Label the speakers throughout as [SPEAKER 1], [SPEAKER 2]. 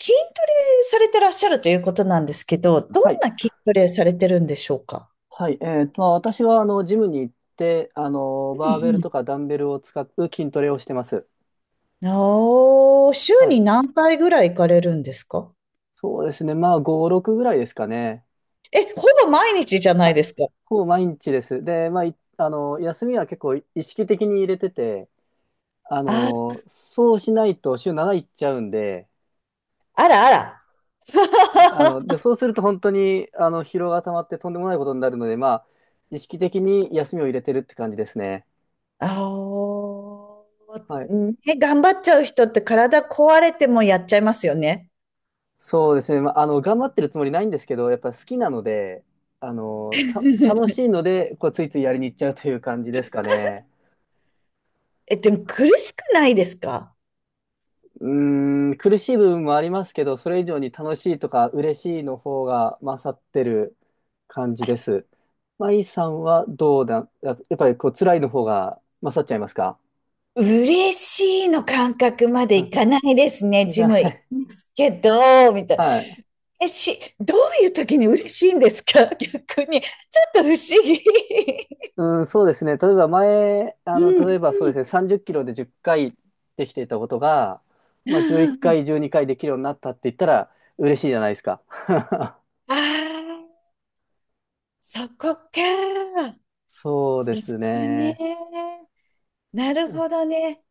[SPEAKER 1] 筋トレされてらっしゃるということなんですけど、ど
[SPEAKER 2] は
[SPEAKER 1] ん
[SPEAKER 2] い。
[SPEAKER 1] な筋トレされてるんでしょうか？
[SPEAKER 2] はい。まあ、私は、ジムに行って、
[SPEAKER 1] うん
[SPEAKER 2] バーベル
[SPEAKER 1] うん。
[SPEAKER 2] とかダンベルを使う筋トレをしてます。
[SPEAKER 1] おー、週
[SPEAKER 2] はい。
[SPEAKER 1] に何回ぐらい行かれるんですか？
[SPEAKER 2] そうですね。まあ、5、6ぐらいですかね。
[SPEAKER 1] え、ほぼ毎日じゃない
[SPEAKER 2] は
[SPEAKER 1] ですか。
[SPEAKER 2] ほぼ毎日です。で、まあ、いあの、休みは結構意識的に入れてて、
[SPEAKER 1] あ、
[SPEAKER 2] そうしないと週7いっちゃうんで、
[SPEAKER 1] あらあら。
[SPEAKER 2] はい。で、そうすると本当に、疲労が溜まってとんでもないことになるので、まあ、意識的に休みを入れてるって感じですね。
[SPEAKER 1] あー、
[SPEAKER 2] はい。
[SPEAKER 1] ね、頑張っちゃう人って体壊れてもやっちゃいますよね。
[SPEAKER 2] そうですね、まあ、頑張ってるつもりないんですけど、やっぱ好きなので、楽しい ので、こう、ついついやりに行っちゃうという感じですかね。
[SPEAKER 1] え、でも苦しくないですか？
[SPEAKER 2] うーん、苦しい部分もありますけど、それ以上に楽しいとか嬉しいの方が勝ってる感じです。マイさんはどうだ、やっぱりこう、辛いの方が勝っちゃいますか？
[SPEAKER 1] 嬉しいの感覚まで
[SPEAKER 2] う
[SPEAKER 1] い
[SPEAKER 2] ん、
[SPEAKER 1] かないですね。
[SPEAKER 2] い
[SPEAKER 1] ジ
[SPEAKER 2] か
[SPEAKER 1] ム
[SPEAKER 2] な
[SPEAKER 1] 行き
[SPEAKER 2] い。
[SPEAKER 1] ますけど、み たい。
[SPEAKER 2] はい。
[SPEAKER 1] え、どういう時に嬉しいんですか？ 逆に。ちょっと不思議。
[SPEAKER 2] うん、そうですね。例えば前、
[SPEAKER 1] うん
[SPEAKER 2] 例えばそう
[SPEAKER 1] う
[SPEAKER 2] ですね、
[SPEAKER 1] ん。
[SPEAKER 2] 30キロで10回できていたことが、
[SPEAKER 1] う
[SPEAKER 2] まあ、11
[SPEAKER 1] んうん。
[SPEAKER 2] 回、12回できるようになったって言ったら、嬉しいじゃないですか。
[SPEAKER 1] ああ、そこか。
[SPEAKER 2] そう
[SPEAKER 1] そ
[SPEAKER 2] です
[SPEAKER 1] こ
[SPEAKER 2] ね。
[SPEAKER 1] ね。なるほどね。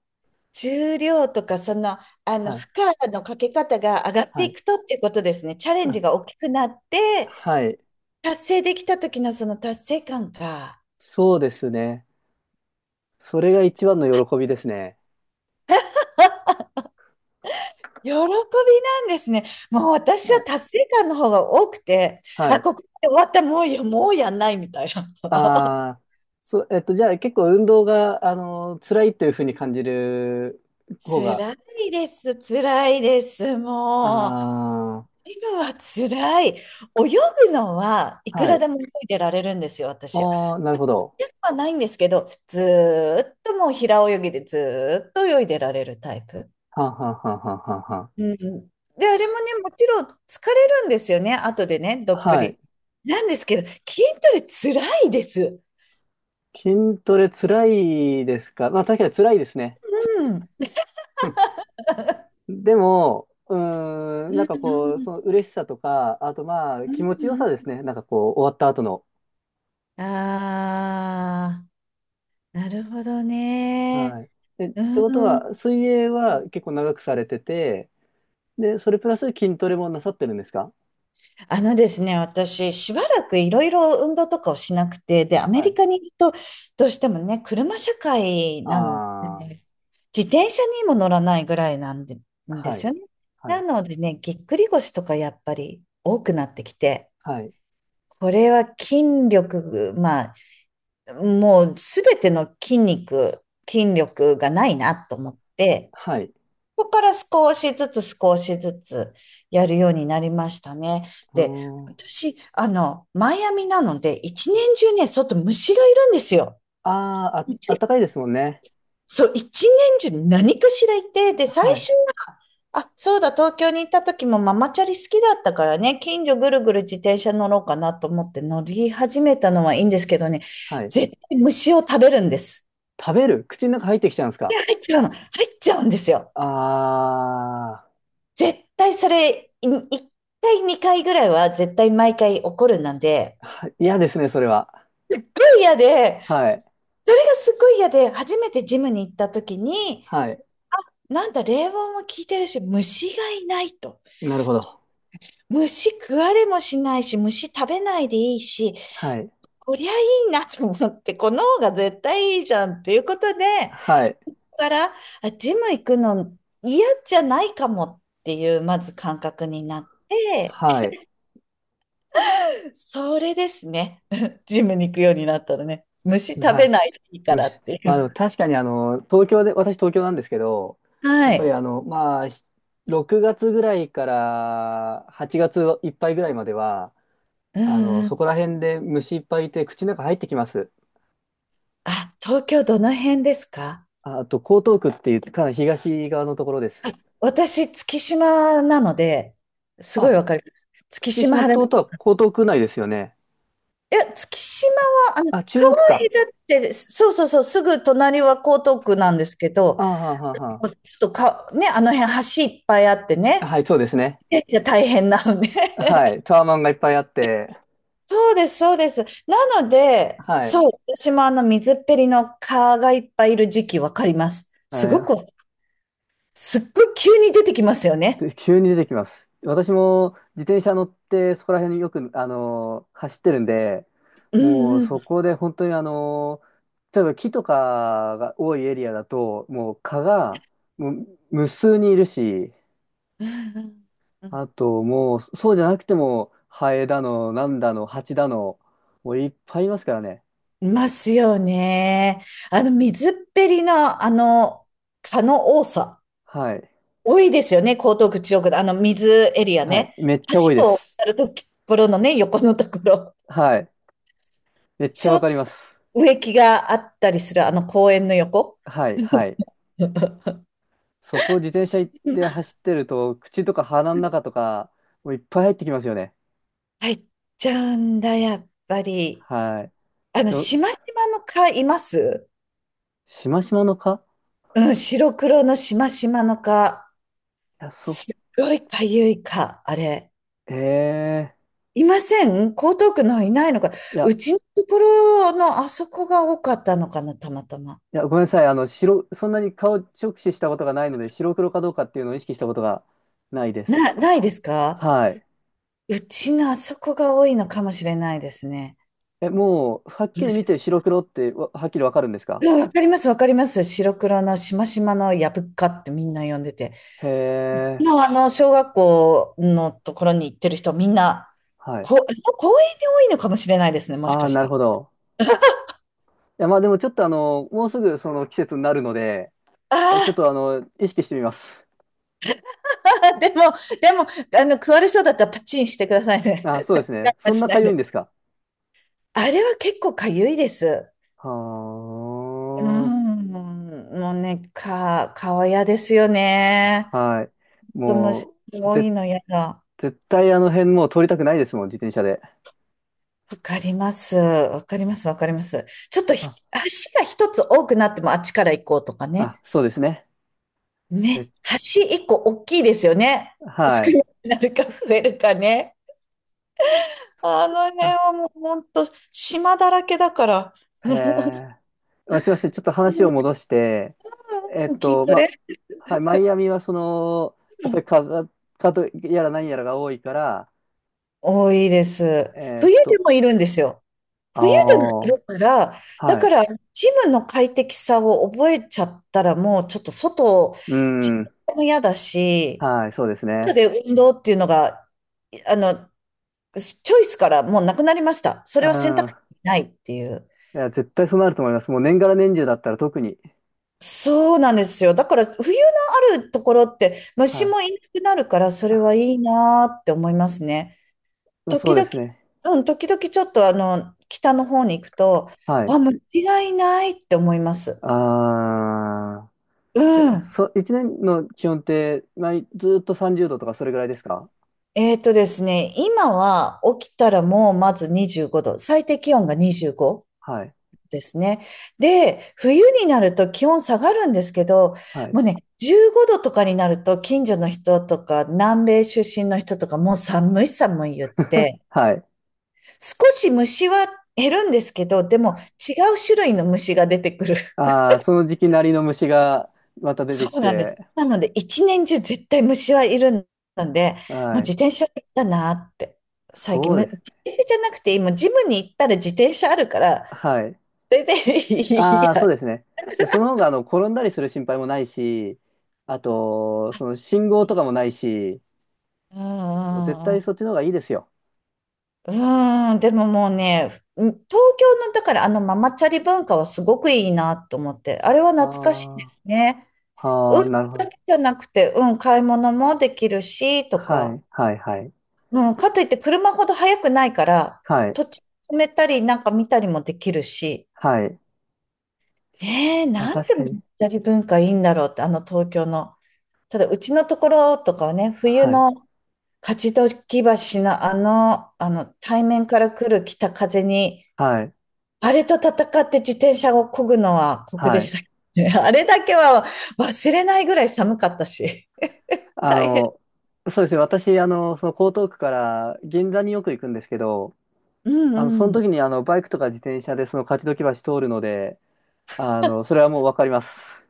[SPEAKER 1] 重量とか、その、あの、
[SPEAKER 2] はい、
[SPEAKER 1] 負荷のかけ方が上がって
[SPEAKER 2] は
[SPEAKER 1] い
[SPEAKER 2] い、
[SPEAKER 1] くとっていうことですね。チャレン
[SPEAKER 2] あ、
[SPEAKER 1] ジが大きくなって、
[SPEAKER 2] はい。
[SPEAKER 1] 達成できた時のその達成感か。
[SPEAKER 2] そうですね。それが一番の喜びですね。
[SPEAKER 1] 喜びなんですね。もう私
[SPEAKER 2] は
[SPEAKER 1] は
[SPEAKER 2] い、
[SPEAKER 1] 達成感の方が多くて、
[SPEAKER 2] は
[SPEAKER 1] あ、
[SPEAKER 2] い。
[SPEAKER 1] ここまで終わった、もうやんないみたいな。
[SPEAKER 2] ああ、そう、じゃあ結構運動が、辛いというふうに感じる方が、
[SPEAKER 1] 辛いです、辛いです、もう。
[SPEAKER 2] あ
[SPEAKER 1] 今は辛い。泳ぐのはい
[SPEAKER 2] あ、
[SPEAKER 1] く
[SPEAKER 2] は
[SPEAKER 1] ら
[SPEAKER 2] い。
[SPEAKER 1] でも泳いでられるんですよ、私。や
[SPEAKER 2] ああ、なるほど。
[SPEAKER 1] はないんですけど、ずーっともう平泳ぎでずーっと泳いでられるタイプ。
[SPEAKER 2] はんはんはんはんはんはん。
[SPEAKER 1] うん。で、あれもね、もちろん疲れるんですよね、後でね、どっぷ
[SPEAKER 2] はい。
[SPEAKER 1] り。なんですけど、筋トレ辛いです。
[SPEAKER 2] 筋トレ辛いですか？まあ確かに辛いですね。
[SPEAKER 1] うん。う
[SPEAKER 2] でも、うーん、なんかこう、
[SPEAKER 1] ん
[SPEAKER 2] その嬉しさとか、あとまあ
[SPEAKER 1] う
[SPEAKER 2] 気持ちよ
[SPEAKER 1] ん
[SPEAKER 2] さで
[SPEAKER 1] う
[SPEAKER 2] すね。なんかこう、終わった後の。
[SPEAKER 1] ん。ああ、なるほどね。
[SPEAKER 2] はい。え、ってこと
[SPEAKER 1] うん。
[SPEAKER 2] は、水泳は結構長くされてて、で、それプラス筋トレもなさってるんですか？
[SPEAKER 1] あのですね、私、しばらくいろいろ運動とかをしなくて、で、アメ
[SPEAKER 2] は
[SPEAKER 1] リ
[SPEAKER 2] い。
[SPEAKER 1] カにいると、どうしてもね、車社会なの
[SPEAKER 2] あ
[SPEAKER 1] で、自転車にも乗らないぐらいなんで、
[SPEAKER 2] あ、
[SPEAKER 1] んで
[SPEAKER 2] は
[SPEAKER 1] す
[SPEAKER 2] い。
[SPEAKER 1] よね。
[SPEAKER 2] は
[SPEAKER 1] な
[SPEAKER 2] い。
[SPEAKER 1] のでね、ぎっくり腰とかやっぱり多くなってきて、
[SPEAKER 2] はい。
[SPEAKER 1] これは筋力、まあ、もうすべての筋肉、筋力がないなと思って、
[SPEAKER 2] はい。
[SPEAKER 1] そこから少しずつ少しずつやるようになりましたね。
[SPEAKER 2] う
[SPEAKER 1] で、
[SPEAKER 2] ーん。あ
[SPEAKER 1] 私、あの、マイアミなので、一年中ね、外虫がいるんですよ。
[SPEAKER 2] あ、ああっ
[SPEAKER 1] で、
[SPEAKER 2] たかいですもんね。
[SPEAKER 1] そう、一年中何かしらいて、で、最
[SPEAKER 2] はい。
[SPEAKER 1] 初は、あ、そうだ、東京に行った時もママチャリ好きだったからね、近所ぐるぐる自転車乗ろうかなと思って乗り始めたのはいいんですけどね、
[SPEAKER 2] はい。
[SPEAKER 1] 絶対虫を食べるんです。
[SPEAKER 2] 食べる口の中入ってきちゃうんですか？
[SPEAKER 1] 違うの。入っちゃうんですよ。
[SPEAKER 2] あ
[SPEAKER 1] 絶対それ、一回、二回ぐらいは絶対毎回起こるなんで、
[SPEAKER 2] ー、嫌ですね、それは。
[SPEAKER 1] すごい嫌で、
[SPEAKER 2] はい。
[SPEAKER 1] それがすごい嫌で、初めてジムに行った時に、
[SPEAKER 2] はい。
[SPEAKER 1] なんだ、冷房も効いてるし、虫がいないと。
[SPEAKER 2] なるほど。
[SPEAKER 1] 虫食われもしないし、虫食べないでいいし、
[SPEAKER 2] はい。
[SPEAKER 1] こりゃいいなと思って、この方が絶対いいじゃんっていうことで、
[SPEAKER 2] はい。
[SPEAKER 1] だから、あジム行くの嫌じゃないかもっていう、まず感覚になって、
[SPEAKER 2] はい。
[SPEAKER 1] それですね。ジムに行くようになったらね。虫食
[SPEAKER 2] は
[SPEAKER 1] べ
[SPEAKER 2] い。
[SPEAKER 1] ないでいいから
[SPEAKER 2] 虫。
[SPEAKER 1] ってい
[SPEAKER 2] まあでも
[SPEAKER 1] う。
[SPEAKER 2] 確かに東京で、私東京なんですけど、や
[SPEAKER 1] は
[SPEAKER 2] っぱり
[SPEAKER 1] い。
[SPEAKER 2] まあ、6月ぐらいから8月いっぱいぐらいまでは、
[SPEAKER 1] うんう
[SPEAKER 2] そ
[SPEAKER 1] ん。
[SPEAKER 2] こら辺で虫いっぱいいて口の中入ってきます。
[SPEAKER 1] あ、東京どの辺ですか？
[SPEAKER 2] ああと、江東区っていうかなり東側のところです。
[SPEAKER 1] 私、月島なので、すごい
[SPEAKER 2] あ、
[SPEAKER 1] わかります。月
[SPEAKER 2] 月
[SPEAKER 1] 島
[SPEAKER 2] 島って
[SPEAKER 1] 晴
[SPEAKER 2] こ
[SPEAKER 1] れ、
[SPEAKER 2] とは江東区内ですよね。
[SPEAKER 1] いや、月島は、あの、川
[SPEAKER 2] あ、中国
[SPEAKER 1] へ
[SPEAKER 2] か。
[SPEAKER 1] だって、そうそうそう、すぐ隣は江東区なんですけど、
[SPEAKER 2] ああ、はあ、はあは
[SPEAKER 1] もうちょっとか、ね、あの辺橋いっぱいあって
[SPEAKER 2] あ
[SPEAKER 1] ね、
[SPEAKER 2] はい、そうですね。
[SPEAKER 1] いや大変なのね。
[SPEAKER 2] はい。タワマンがいっぱいあって、
[SPEAKER 1] そうです、そうです。なので、
[SPEAKER 2] はい。
[SPEAKER 1] そう、私もあの水っぺりの蚊がいっぱいいる時期わかります。
[SPEAKER 2] あ
[SPEAKER 1] す
[SPEAKER 2] れ、
[SPEAKER 1] ごく、すっごい急に出てきますよね。
[SPEAKER 2] で急に出てきます。私も自転車乗ってそこら辺によく、走ってるんで、
[SPEAKER 1] う
[SPEAKER 2] もう
[SPEAKER 1] んう
[SPEAKER 2] そ
[SPEAKER 1] ん。
[SPEAKER 2] こで本当に例えば木とかが多いエリアだと、もう蚊がもう無数にいるし、
[SPEAKER 1] うんうんう
[SPEAKER 2] あ
[SPEAKER 1] ん。
[SPEAKER 2] ともうそうじゃなくてもハエだの、なんだの、ハチだの、もういっぱいいますからね。
[SPEAKER 1] いますよね。あの水っぺりのあの蚊の多さ、
[SPEAKER 2] はい。
[SPEAKER 1] 多いですよね、江東区、中央区のあの水エリア
[SPEAKER 2] はい。
[SPEAKER 1] ね。
[SPEAKER 2] めっちゃ多いで
[SPEAKER 1] 橋を
[SPEAKER 2] す。
[SPEAKER 1] 渡るところのね、横のところ。
[SPEAKER 2] はい。めっち
[SPEAKER 1] ち
[SPEAKER 2] ゃ
[SPEAKER 1] ょ
[SPEAKER 2] わ
[SPEAKER 1] っと
[SPEAKER 2] かります。
[SPEAKER 1] 植木があったりするあの公園の横。
[SPEAKER 2] はい、はい。そこを自転車で走ってると、口とか鼻の中とか、もういっぱい入ってきますよね。
[SPEAKER 1] 入っちゃうんだ、やっぱり。
[SPEAKER 2] はい。
[SPEAKER 1] あの、
[SPEAKER 2] ど、
[SPEAKER 1] しましまの蚊います？
[SPEAKER 2] しましまの蚊？
[SPEAKER 1] うん、白黒のしましまの蚊。
[SPEAKER 2] いや、そ
[SPEAKER 1] すっごいかゆい蚊、あれ。
[SPEAKER 2] う。えー。
[SPEAKER 1] いません？江東区の方いないのか。
[SPEAKER 2] い
[SPEAKER 1] う
[SPEAKER 2] や、
[SPEAKER 1] ちのところのあそこが多かったのかな、たまたま。
[SPEAKER 2] いや、ごめんなさい。そんなに顔直視したことがないので、白黒かどうかっていうのを意識したことがないです。
[SPEAKER 1] ないですか？
[SPEAKER 2] はい。
[SPEAKER 1] うちのあそこが多いのかもしれないですね。
[SPEAKER 2] え、もう、はっき
[SPEAKER 1] も
[SPEAKER 2] り
[SPEAKER 1] し
[SPEAKER 2] 見て白黒ってはっきりわかるんですか？
[SPEAKER 1] うん、わかります、わかります。白黒のしましまのやぶっかってみんな呼んでて。
[SPEAKER 2] へ
[SPEAKER 1] うち
[SPEAKER 2] え。
[SPEAKER 1] のあの、小学校のところに行ってる人、みんな、
[SPEAKER 2] はい。
[SPEAKER 1] 公園に多いのかもしれないですね、もし
[SPEAKER 2] あ
[SPEAKER 1] か
[SPEAKER 2] あ、
[SPEAKER 1] し
[SPEAKER 2] な
[SPEAKER 1] た
[SPEAKER 2] る
[SPEAKER 1] ら。
[SPEAKER 2] ほど。いや、まあでもちょっともうすぐその季節になるので、え、ち
[SPEAKER 1] あ
[SPEAKER 2] ょっと意識してみます。
[SPEAKER 1] あ、でも、でも、あの、食われそうだったらパチンしてくださいね。
[SPEAKER 2] あ、そ うですね。
[SPEAKER 1] 我慢
[SPEAKER 2] そん
[SPEAKER 1] し
[SPEAKER 2] な
[SPEAKER 1] な
[SPEAKER 2] か
[SPEAKER 1] い
[SPEAKER 2] ゆい
[SPEAKER 1] で。
[SPEAKER 2] んですか。
[SPEAKER 1] あれは結構かゆいです。
[SPEAKER 2] は
[SPEAKER 1] うーん、もうね、顔嫌ですよ
[SPEAKER 2] あ。
[SPEAKER 1] ね。
[SPEAKER 2] はい。
[SPEAKER 1] 子供
[SPEAKER 2] もう、
[SPEAKER 1] 多いの嫌だ。
[SPEAKER 2] 絶対あの辺もう通りたくないですもん、自転車で。
[SPEAKER 1] わかります。わかります。わかります。ちょっと
[SPEAKER 2] あ、
[SPEAKER 1] 足が一つ多くなってもあっちから行こうとか
[SPEAKER 2] あ、
[SPEAKER 1] ね。
[SPEAKER 2] そうですね。え、
[SPEAKER 1] ね、橋一個大きいですよね。
[SPEAKER 2] は
[SPEAKER 1] 少
[SPEAKER 2] い。
[SPEAKER 1] なくなるか増えるかね。あの辺
[SPEAKER 2] あ、
[SPEAKER 1] はもう本当島だらけだから。
[SPEAKER 2] へ え。あ、すいません。ちょっと話を戻して、えっ
[SPEAKER 1] うん、筋
[SPEAKER 2] と、
[SPEAKER 1] トレ。
[SPEAKER 2] ま、はい、マイアミはその、
[SPEAKER 1] う
[SPEAKER 2] やっぱり
[SPEAKER 1] ん。
[SPEAKER 2] カザカとやら何やらが多いから、
[SPEAKER 1] 多いです。
[SPEAKER 2] えっ
[SPEAKER 1] 冬で
[SPEAKER 2] と、
[SPEAKER 1] もいるんですよ。
[SPEAKER 2] あ
[SPEAKER 1] 冬でもい
[SPEAKER 2] あ、
[SPEAKER 1] るから、だ
[SPEAKER 2] はい。
[SPEAKER 1] からジムの快適さを覚えちゃったらもうちょっと外、
[SPEAKER 2] う
[SPEAKER 1] 自
[SPEAKER 2] ん、
[SPEAKER 1] 宅も嫌だし、
[SPEAKER 2] はい、そうです
[SPEAKER 1] 外
[SPEAKER 2] ね。
[SPEAKER 1] で運動っていうのが、あの、チョイスからもうなくなりました。そ
[SPEAKER 2] う
[SPEAKER 1] れは選択肢
[SPEAKER 2] ん。
[SPEAKER 1] にないっていう。
[SPEAKER 2] いや、絶対そうなると思います。もう年がら年中だったら特に。
[SPEAKER 1] そうなんですよ。だから冬のあるところって
[SPEAKER 2] は
[SPEAKER 1] 虫
[SPEAKER 2] い。
[SPEAKER 1] もいなくなるからそれはいいなーって思いますね。
[SPEAKER 2] あ、そ
[SPEAKER 1] 時
[SPEAKER 2] うで
[SPEAKER 1] 々、
[SPEAKER 2] すね。
[SPEAKER 1] うん、時々ちょっとあの北の方に行くと、
[SPEAKER 2] は
[SPEAKER 1] あ、
[SPEAKER 2] い。
[SPEAKER 1] 虫がいないって思います。
[SPEAKER 2] あ
[SPEAKER 1] う
[SPEAKER 2] ー、
[SPEAKER 1] ん。
[SPEAKER 2] 一年の気温って、まあ、ずっと30度とかそれぐらいですか？
[SPEAKER 1] ですね、今は起きたらもうまず25度、最低気温が25。
[SPEAKER 2] はい。
[SPEAKER 1] ですね。で、冬になると気温下がるんですけど、
[SPEAKER 2] はい。
[SPEAKER 1] もうね、15度とかになると近所の人とか南米出身の人とかもう寒い寒い言って、
[SPEAKER 2] はい。
[SPEAKER 1] 少し虫は減るんですけど、でも違う種類の虫が出てくる。
[SPEAKER 2] あー、その時期なりの虫がまた出て
[SPEAKER 1] そ
[SPEAKER 2] き
[SPEAKER 1] うなんです。
[SPEAKER 2] て、
[SPEAKER 1] なので一年中絶対虫はいるので、もう
[SPEAKER 2] はい。
[SPEAKER 1] 自転車だなって。最近、
[SPEAKER 2] そうで
[SPEAKER 1] 自
[SPEAKER 2] すね。
[SPEAKER 1] 転車じゃなくて、今ジムに行ったら自転車あるから、
[SPEAKER 2] はい。
[SPEAKER 1] それでいい
[SPEAKER 2] あー、そ
[SPEAKER 1] や。
[SPEAKER 2] うですね。で、その方が、転んだりする心配もないし、あと、その信号と
[SPEAKER 1] う
[SPEAKER 2] かもないし、
[SPEAKER 1] んう
[SPEAKER 2] 絶
[SPEAKER 1] んう
[SPEAKER 2] 対
[SPEAKER 1] ん。
[SPEAKER 2] そっちの方がいいですよ。
[SPEAKER 1] うーん、でももうね、東京の、だからあのママチャリ文化はすごくいいなと思って、あれは
[SPEAKER 2] あ
[SPEAKER 1] 懐かしいで
[SPEAKER 2] ー。
[SPEAKER 1] すね。う
[SPEAKER 2] は
[SPEAKER 1] ん、
[SPEAKER 2] あ、なるほ
[SPEAKER 1] だ
[SPEAKER 2] ど。
[SPEAKER 1] けじゃなくて、うん、買い物もできるし、と
[SPEAKER 2] は
[SPEAKER 1] か、
[SPEAKER 2] い、はい、はい、
[SPEAKER 1] うん、かといって車ほど速くないから、
[SPEAKER 2] はい、
[SPEAKER 1] 途中止めたり、なんか見たりもできるし、
[SPEAKER 2] はい。
[SPEAKER 1] ねえ、
[SPEAKER 2] あ、
[SPEAKER 1] なん
[SPEAKER 2] 確
[SPEAKER 1] て
[SPEAKER 2] か
[SPEAKER 1] マ
[SPEAKER 2] に。
[SPEAKER 1] マチャリ文化いいんだろうって、あの東京の。ただ、うちのところとかはね、冬
[SPEAKER 2] はい、
[SPEAKER 1] の勝どき橋のあの、あの、対面から来る北風に、
[SPEAKER 2] はい、
[SPEAKER 1] あれと戦って自転車を漕ぐのは酷
[SPEAKER 2] は
[SPEAKER 1] でし
[SPEAKER 2] い。
[SPEAKER 1] たね。あれだけは忘れないぐらい寒かったし、
[SPEAKER 2] あ
[SPEAKER 1] 大変。
[SPEAKER 2] の、そうですね。私、その江東区から銀座によく行くんですけど、
[SPEAKER 1] うん
[SPEAKER 2] そ
[SPEAKER 1] う
[SPEAKER 2] の
[SPEAKER 1] ん。
[SPEAKER 2] 時に、バイクとか自転車でその勝どき橋通るので、それはもうわかります。